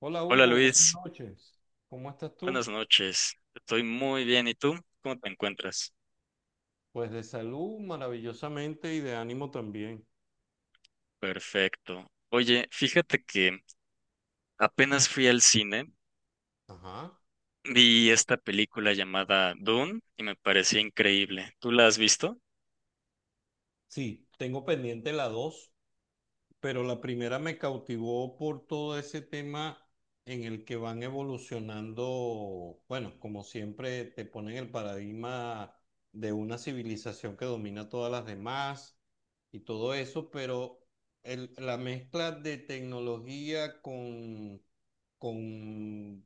Hola Hola Hugo, buenas Luis, noches. ¿Cómo estás buenas tú? noches. Estoy muy bien. ¿Y tú? ¿Cómo te encuentras? Pues de salud maravillosamente y de ánimo también. Perfecto. Oye, fíjate que apenas fui al cine, Ajá. vi esta película llamada Dune y me pareció increíble. ¿Tú la has visto? Sí, tengo pendiente la 2. Pero la primera me cautivó por todo ese tema en el que van evolucionando, bueno, como siempre te ponen el paradigma de una civilización que domina todas las demás y todo eso, pero la mezcla de tecnología con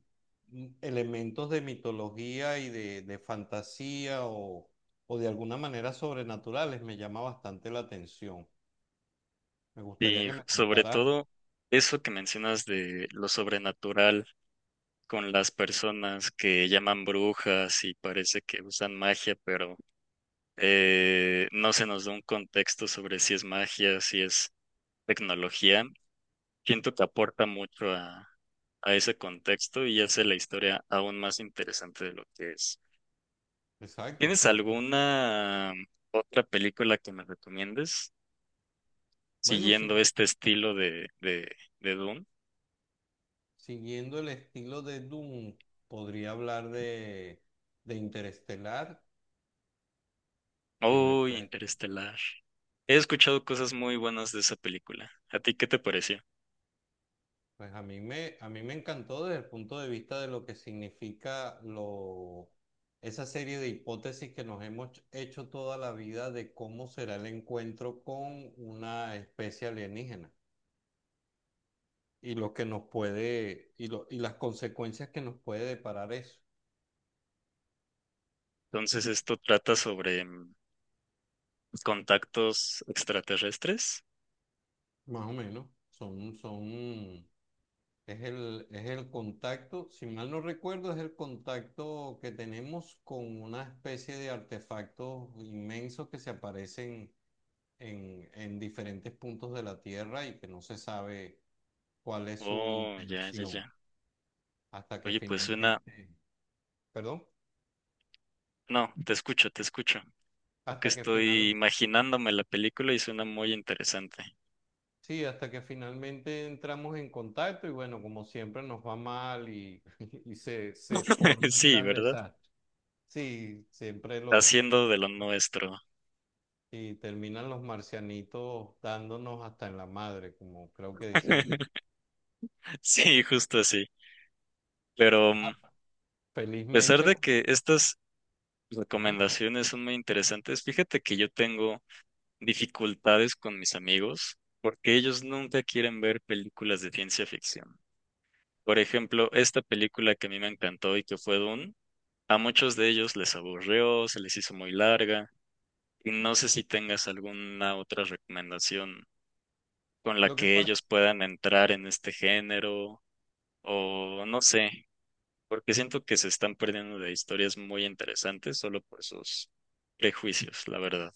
elementos de mitología y de fantasía o de alguna manera sobrenaturales me llama bastante la atención. Me gustaría Y que me sobre contaras... todo eso que mencionas de lo sobrenatural con las personas que llaman brujas y parece que usan magia, pero no se nos da un contexto sobre si es magia, si es tecnología. Siento que aporta mucho a ese contexto y hace la historia aún más interesante de lo que es. Exacto. ¿Tienes porque- alguna otra película que me recomiendes bueno, si siguiendo no- este estilo de Dune? siguiendo el estilo de Doom, podría hablar de Interestelar, que me Oh, parece... Interestelar. He escuchado cosas muy buenas de esa película. ¿A ti qué te pareció? Pues a mí me encantó desde el punto de vista de lo que significa esa serie de hipótesis que nos hemos hecho toda la vida de cómo será el encuentro con una especie alienígena y lo que nos puede, y, lo, y las consecuencias que nos puede deparar eso. Entonces, esto trata sobre contactos extraterrestres. Más o menos. Es el contacto, si mal no recuerdo, es el contacto que tenemos con una especie de artefactos inmensos que se aparecen en diferentes puntos de la Tierra y que no se sabe cuál es su Oh, ya, ya, ya. intención hasta que Oye, pues finalmente, suena... perdón, No, te escucho, te escucho. Creo que hasta que estoy final, imaginándome la película y suena muy interesante. sí, hasta que finalmente entramos en contacto y bueno, como siempre nos va mal y, y se forma un Sí, gran ¿verdad? desastre. Sí, Haciendo de lo nuestro. y terminan los marcianitos dándonos hasta en la madre, como creo que dicen ustedes. Sí, justo así. Pero Claro. a pesar Felizmente. de que estas Ujú. recomendaciones son muy interesantes, fíjate que yo tengo dificultades con mis amigos porque ellos nunca quieren ver películas de ciencia ficción. Por ejemplo, esta película que a mí me encantó y que fue Dune, a muchos de ellos les aburrió, se les hizo muy larga. Y no sé si tengas alguna otra recomendación con la Lo que que pasa, ellos puedan entrar en este género o no sé, porque siento que se están perdiendo de historias muy interesantes solo por sus prejuicios, la verdad.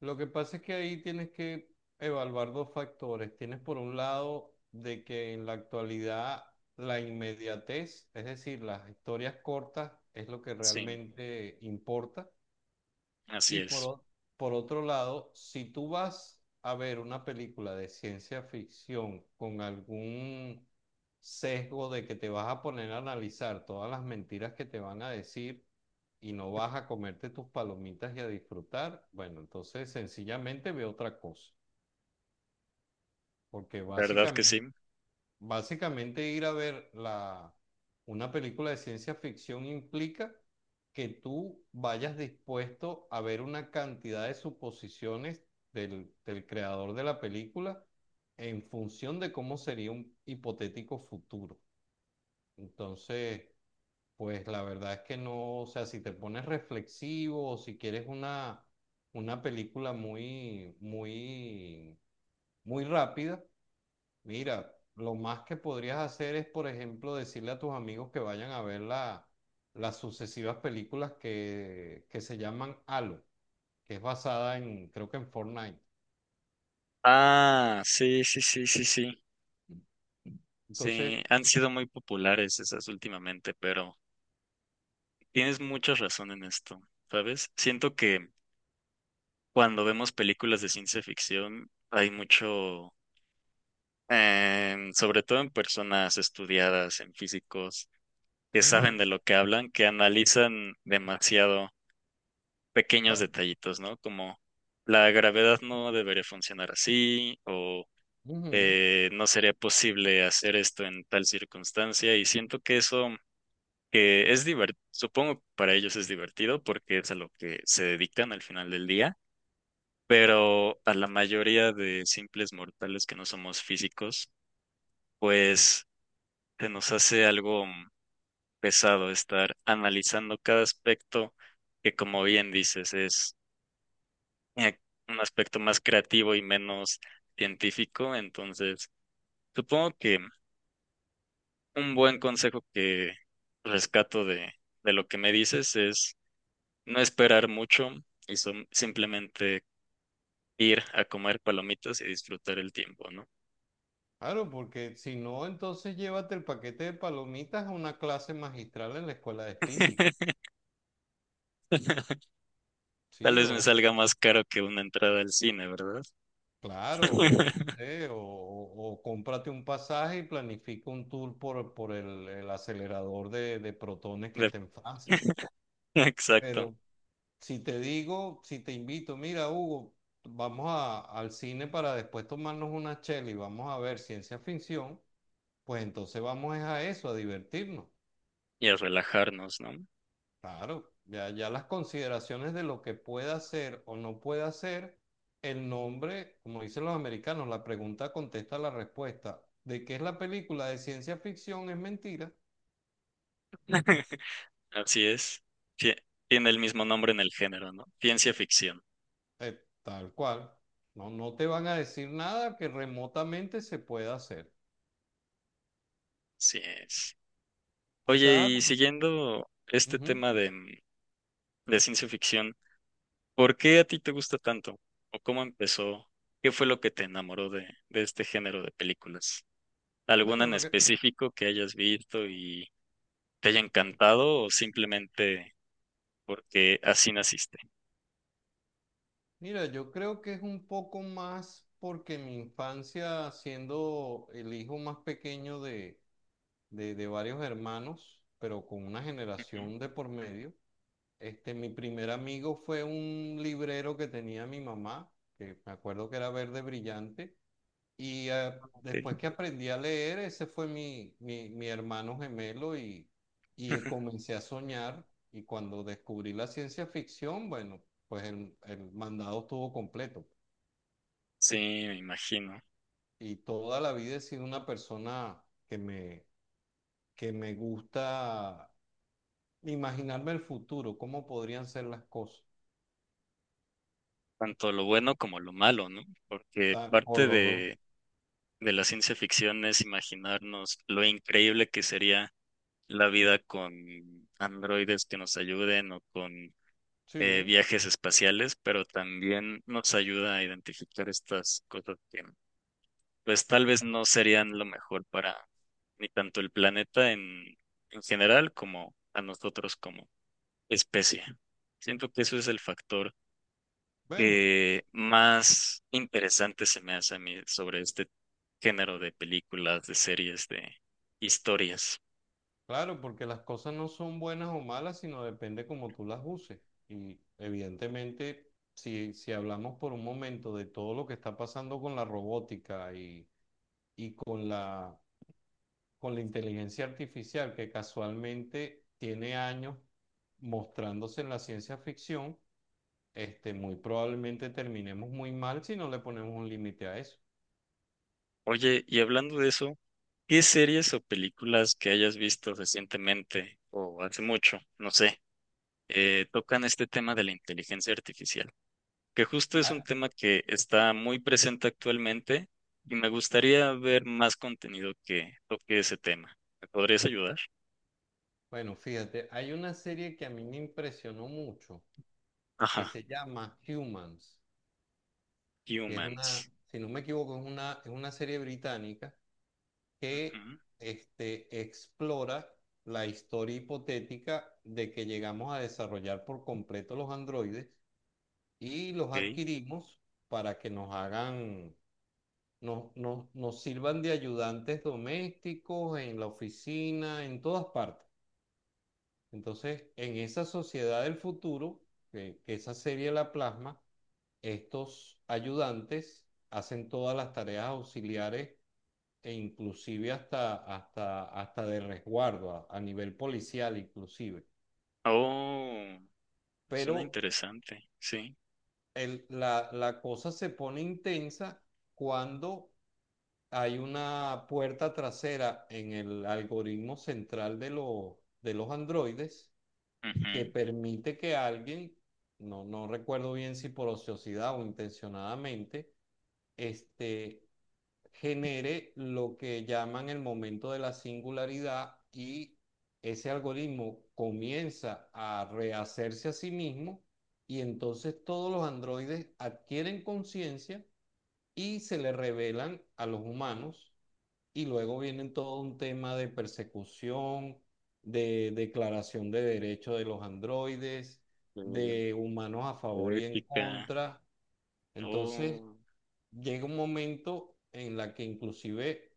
lo que pasa es que ahí tienes que evaluar dos factores. Tienes por un lado de que en la actualidad la inmediatez, es decir, las historias cortas, es lo que Sí, realmente importa. así Y por, es. o- por otro lado, si tú vas a ver una película de ciencia ficción con algún sesgo de que te vas a poner a analizar todas las mentiras que te van a decir y no vas a comerte tus palomitas y a disfrutar, bueno, entonces sencillamente ve otra cosa, porque ¿Verdad que básicamente sí? Básicamente ir a ver una película de ciencia ficción implica que tú vayas dispuesto a ver una cantidad de suposiciones del creador de la película en función de cómo sería un hipotético futuro. Entonces, pues la verdad es que no, o sea, si te pones reflexivo o si quieres una película muy, muy, muy rápida. Mira, lo más que podrías hacer es, por ejemplo, decirle a tus amigos que vayan a ver las sucesivas películas que se llaman Halo, que es basada en, creo que en Fortnite. Ah, sí, sí, sí, sí, sí. Sí, Entonces... han sido muy populares esas últimamente, pero tienes mucha razón en esto, ¿sabes? Siento que cuando vemos películas de ciencia ficción hay mucho, sobre todo en personas estudiadas, en físicos, que Ujú, o saben de lo que hablan, que analizan demasiado pequeños sea, detallitos, ¿no? Como la gravedad no debería funcionar así o ujú, no sería posible hacer esto en tal circunstancia y siento que eso que es divertido, supongo que para ellos es divertido porque es a lo que se dedican al final del día, pero a la mayoría de simples mortales que no somos físicos, pues se nos hace algo pesado estar analizando cada aspecto que, como bien dices, es eh, un aspecto más creativo y menos científico. Entonces, supongo que un buen consejo que rescato de lo que me dices es no esperar mucho y simplemente ir a comer palomitas y disfrutar el tiempo, ¿no? claro, porque si no, entonces llévate el paquete de palomitas a una clase magistral en la escuela de física. Tal ¿Sí? vez me salga más caro que una entrada al cine, ¿verdad? claro, o no sé, o cómprate un pasaje y planifica un tour por el acelerador de protones que De- está en Francia. Exacto. Pero si te digo, si te invito, mira, Hugo, al cine para después tomarnos una chela y vamos a ver ciencia ficción, pues entonces vamos es a eso, a divertirnos. Y a relajarnos, ¿no? Claro, ya, ya las consideraciones de lo que pueda hacer o no pueda hacer, el nombre, como dicen los americanos, la pregunta contesta la respuesta. ¿De qué es la película de ciencia ficción? Es mentira. Así es. Tie- Tiene el mismo nombre en el género, ¿no? Ciencia ficción. Tal cual. No, no te van a decir nada que remotamente se pueda hacer. Así es. Oye, Quizás. y siguiendo este Ujú. tema de ciencia ficción, ¿por qué a ti te gusta tanto? ¿O cómo empezó? ¿Qué fue lo que te enamoró de este género de películas? ¿Alguna Bueno, en específico que hayas visto y te haya encantado o simplemente porque así naciste? mira, yo creo que es un poco más porque mi infancia, siendo el hijo más pequeño de varios hermanos, pero con una Ujú, generación de por medio. Mi primer amigo fue un librero que tenía mi mamá, que me acuerdo que era verde brillante, y después ok. que aprendí a leer, ese fue mi hermano gemelo, y comencé a soñar. Y cuando descubrí la ciencia ficción, bueno, pues el mandado estuvo completo. Sí, me imagino. Y toda la vida he sido una persona que me, que me gusta imaginarme el futuro, cómo podrían ser las cosas. Tanto lo bueno como lo malo, ¿no? Porque Ah, o parte los dos. de la ciencia ficción es imaginarnos lo increíble que sería la vida con androides que nos ayuden o con Sí, viajes espaciales, pero también nos ayuda a identificar estas cosas que pues tal vez no serían lo mejor para ni tanto el planeta en general como a nosotros como especie. Siento que eso es el factor bueno, que más interesante se me hace a mí sobre este género de películas, de series, de historias. claro, porque las cosas no son buenas o malas, sino depende cómo tú las uses. Y evidentemente, si hablamos por un momento de todo lo que está pasando con la robótica y con la inteligencia artificial, que casualmente tiene años mostrándose en la ciencia ficción, muy probablemente terminemos muy mal si no le ponemos un límite a eso. Oye, y hablando de eso, ¿qué series o películas que hayas visto recientemente o hace mucho, no sé, tocan este tema de la inteligencia artificial? Que justo es un tema que está muy presente actualmente y me gustaría ver más contenido que toque ese tema. ¿Me podrías ayudar? Bueno, fíjate, hay una serie que a mí me impresionó mucho, que Ajá, se llama Humans, que es una, Humans. si no me equivoco, es una serie británica que Ujú, explora la historia hipotética de que llegamos a desarrollar por completo los androides y los ok. adquirimos para que nos hagan, nos, nos, nos sirvan de ayudantes domésticos en la oficina, en todas partes. Entonces, en esa sociedad del futuro, que esa serie la plasma, estos ayudantes hacen todas las tareas auxiliares e inclusive hasta de resguardo, a nivel policial inclusive. Oh, Pero suena interesante, sí. la cosa se pone intensa cuando hay una puerta trasera en el algoritmo central de los androides, que Ujú, permite que alguien, no, no recuerdo bien si por ociosidad o intencionadamente, este, genere lo que llaman el momento de la singularidad, y ese algoritmo comienza a rehacerse a sí mismo y entonces todos los androides adquieren conciencia y se le revelan a los humanos. Y luego vienen todo un tema de persecución, de declaración de derechos de los androides, eh, de humanos a favor y en ética. contra. Entonces, Oh, llega un momento en la que inclusive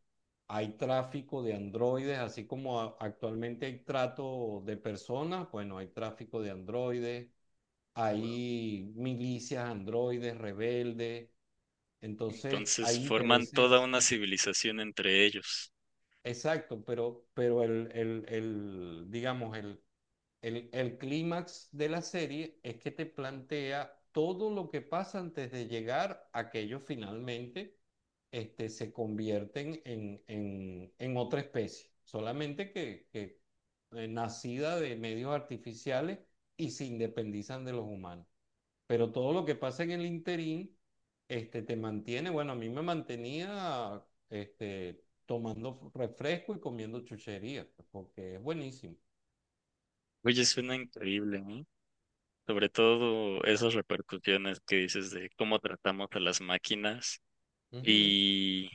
hay tráfico de androides, así como actualmente hay trato de personas. Bueno, hay tráfico de androides, wow. hay milicias androides, rebeldes, entonces Entonces hay forman toda intereses. una civilización entre ellos. Exacto, pero digamos, el clímax de la serie es que te plantea todo lo que pasa antes de llegar a que ellos finalmente se convierten en otra especie, solamente nacida de medios artificiales, y se independizan de los humanos. Pero todo lo que pasa en el interín te mantiene, bueno, a mí me mantenía, tomando refresco y comiendo chuchería, pues, porque es buenísimo. Oye, suena increíble, ¿eh? Sobre todo esas repercusiones que dices de cómo tratamos a las máquinas Ujú, y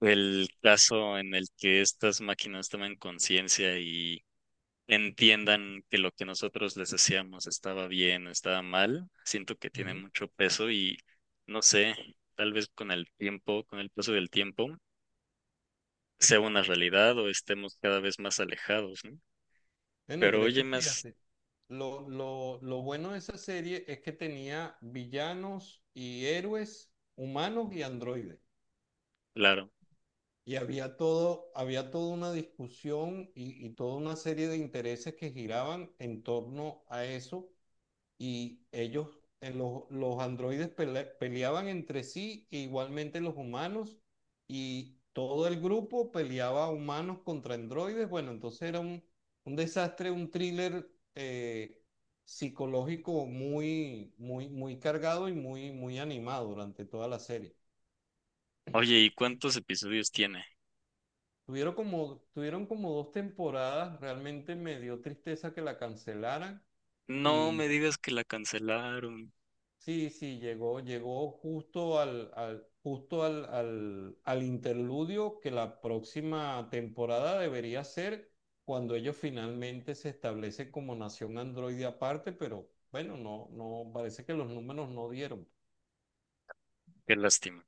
el caso en el que estas máquinas toman conciencia entiendan que lo que nosotros les decíamos estaba bien o estaba mal, siento que tiene ujú. mucho peso y no sé, tal vez con el tiempo, con el paso del tiempo, sea una realidad o estemos cada vez más alejados, ¿no? Bueno, Pero pero es oye, que más fíjate, lo bueno de esa serie es que tenía villanos y héroes humanos y androides. claro, Y había todo, había toda una discusión y toda una serie de intereses que giraban en torno a eso. Y ellos, los androides peleaban entre sí, e igualmente los humanos, y todo el grupo peleaba humanos contra androides. Bueno, entonces era un desastre, un thriller eh, psicológico muy, muy, muy cargado y muy, muy animado durante toda la serie. oye, ¿y cuántos episodios tiene? Tuvieron como dos temporadas, realmente me dio tristeza que la cancelaran. No me Y digas que la cancelaron. sí, sí, llegó justo justo al interludio, que la próxima temporada debería ser cuando ellos finalmente se establecen como nación androide aparte, pero bueno, no, no, parece que los números no dieron. Qué lástima.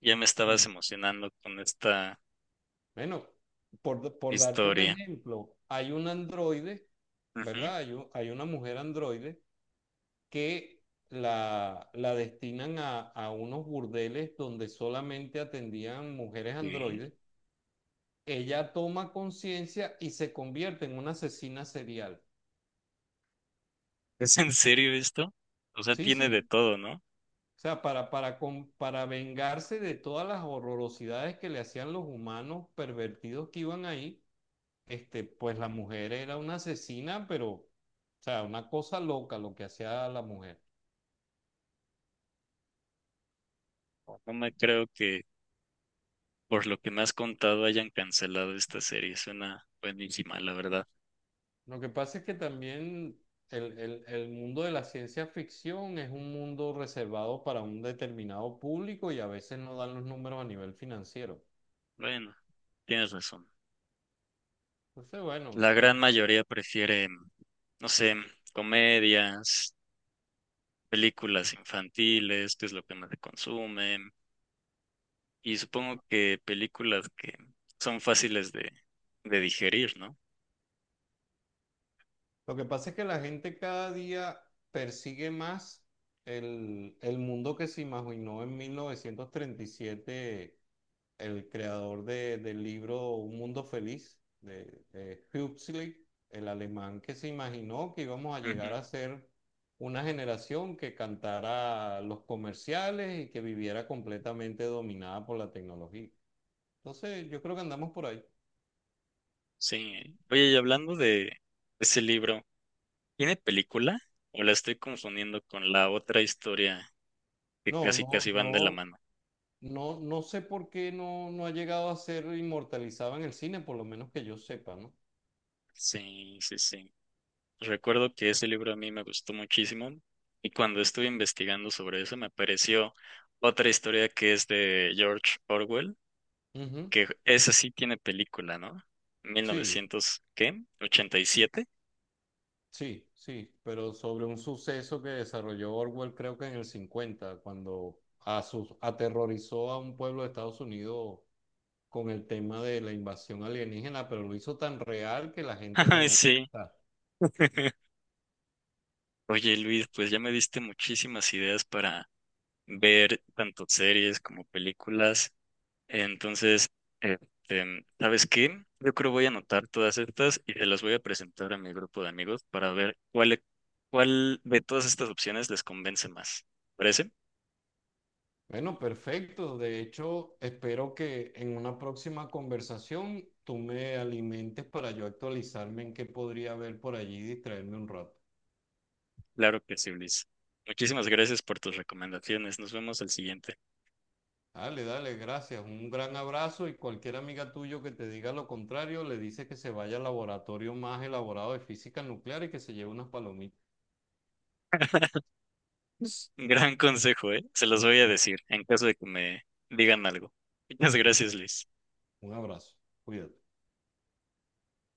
Ya me estabas Sí. emocionando con esta Bueno, por darte un historia. ejemplo, hay un androide, Ujú. ¿verdad? Hay una mujer androide que la destinan a unos burdeles donde solamente atendían mujeres Sí. androides, ella toma conciencia y se convierte en una asesina serial. ¿Es en serio esto? O sea, Sí, tiene de sí. todo, ¿no? O sea, para vengarse de todas las horrorosidades que le hacían los humanos pervertidos que iban ahí, pues la mujer era una asesina, pero, o sea, una cosa loca lo que hacía la mujer. No me creo que por lo que me has contado, hayan cancelado esta serie. Suena buenísima, la verdad. Lo que pasa es que también el mundo de la ciencia ficción es un mundo reservado para un determinado público, y a veces no dan los números a nivel financiero. Bueno, tienes razón. Entonces, bueno. La gran mayoría prefiere, no sé, comedias, películas infantiles, que es lo que más se consume. Y supongo que películas que son fáciles de digerir, ¿no? Lo que pasa es que la gente cada día persigue más el mundo que se imaginó en 1937 el creador del libro Un Mundo Feliz, de Huxley, el alemán que se imaginó que íbamos a Ujú, llegar a ser una generación que cantara los comerciales y que viviera completamente dominada por la tecnología. Entonces, yo creo que andamos por ahí. sí. Oye, y hablando de ese libro, ¿tiene película? ¿O la estoy confundiendo con la otra historia que No, casi no, casi van de la no, mano? no, no sé por qué no, no ha llegado a ser inmortalizado en el cine, por lo menos que yo sepa, ¿no? Sí, sí, sí. Recuerdo que ese libro a mí me gustó muchísimo y cuando estuve investigando sobre eso me apareció otra historia que es de George Orwell, Ujú, que esa sí tiene película, ¿no? ¿mil sí. novecientos qué? ¿87? Sí, sí, pero sobre un suceso que desarrolló Orwell creo que en el cincuenta, cuando aterrorizó a un pueblo de Estados Unidos con el tema de la invasión alienígena, pero lo hizo tan real que la gente, Ay, bueno... sí. Ah, Oye, Luis, pues ya me diste muchísimas ideas para ver tanto series como películas. Entonces, ¿sabes qué? Yo creo voy a anotar todas estas y se las voy a presentar a mi grupo de amigos para ver cuál, cuál de todas estas opciones les convence más. ¿Parece? bueno, perfecto. De hecho, espero que en una próxima conversación tú me alimentes para yo actualizarme en qué podría haber por allí y distraerme un rato. Claro que sí, Luis. Muchísimas gracias por tus recomendaciones. Nos vemos al siguiente. Dale, dale, gracias. Un gran abrazo, y cualquier amiga tuyo que te diga lo contrario, le dice que se vaya al laboratorio más elaborado de física nuclear y que se lleve unas palomitas. Gran consejo, ¿eh? Se los voy a decir en caso de que me digan algo. Muchas gracias, Luis. Un abrazo. Cuídate.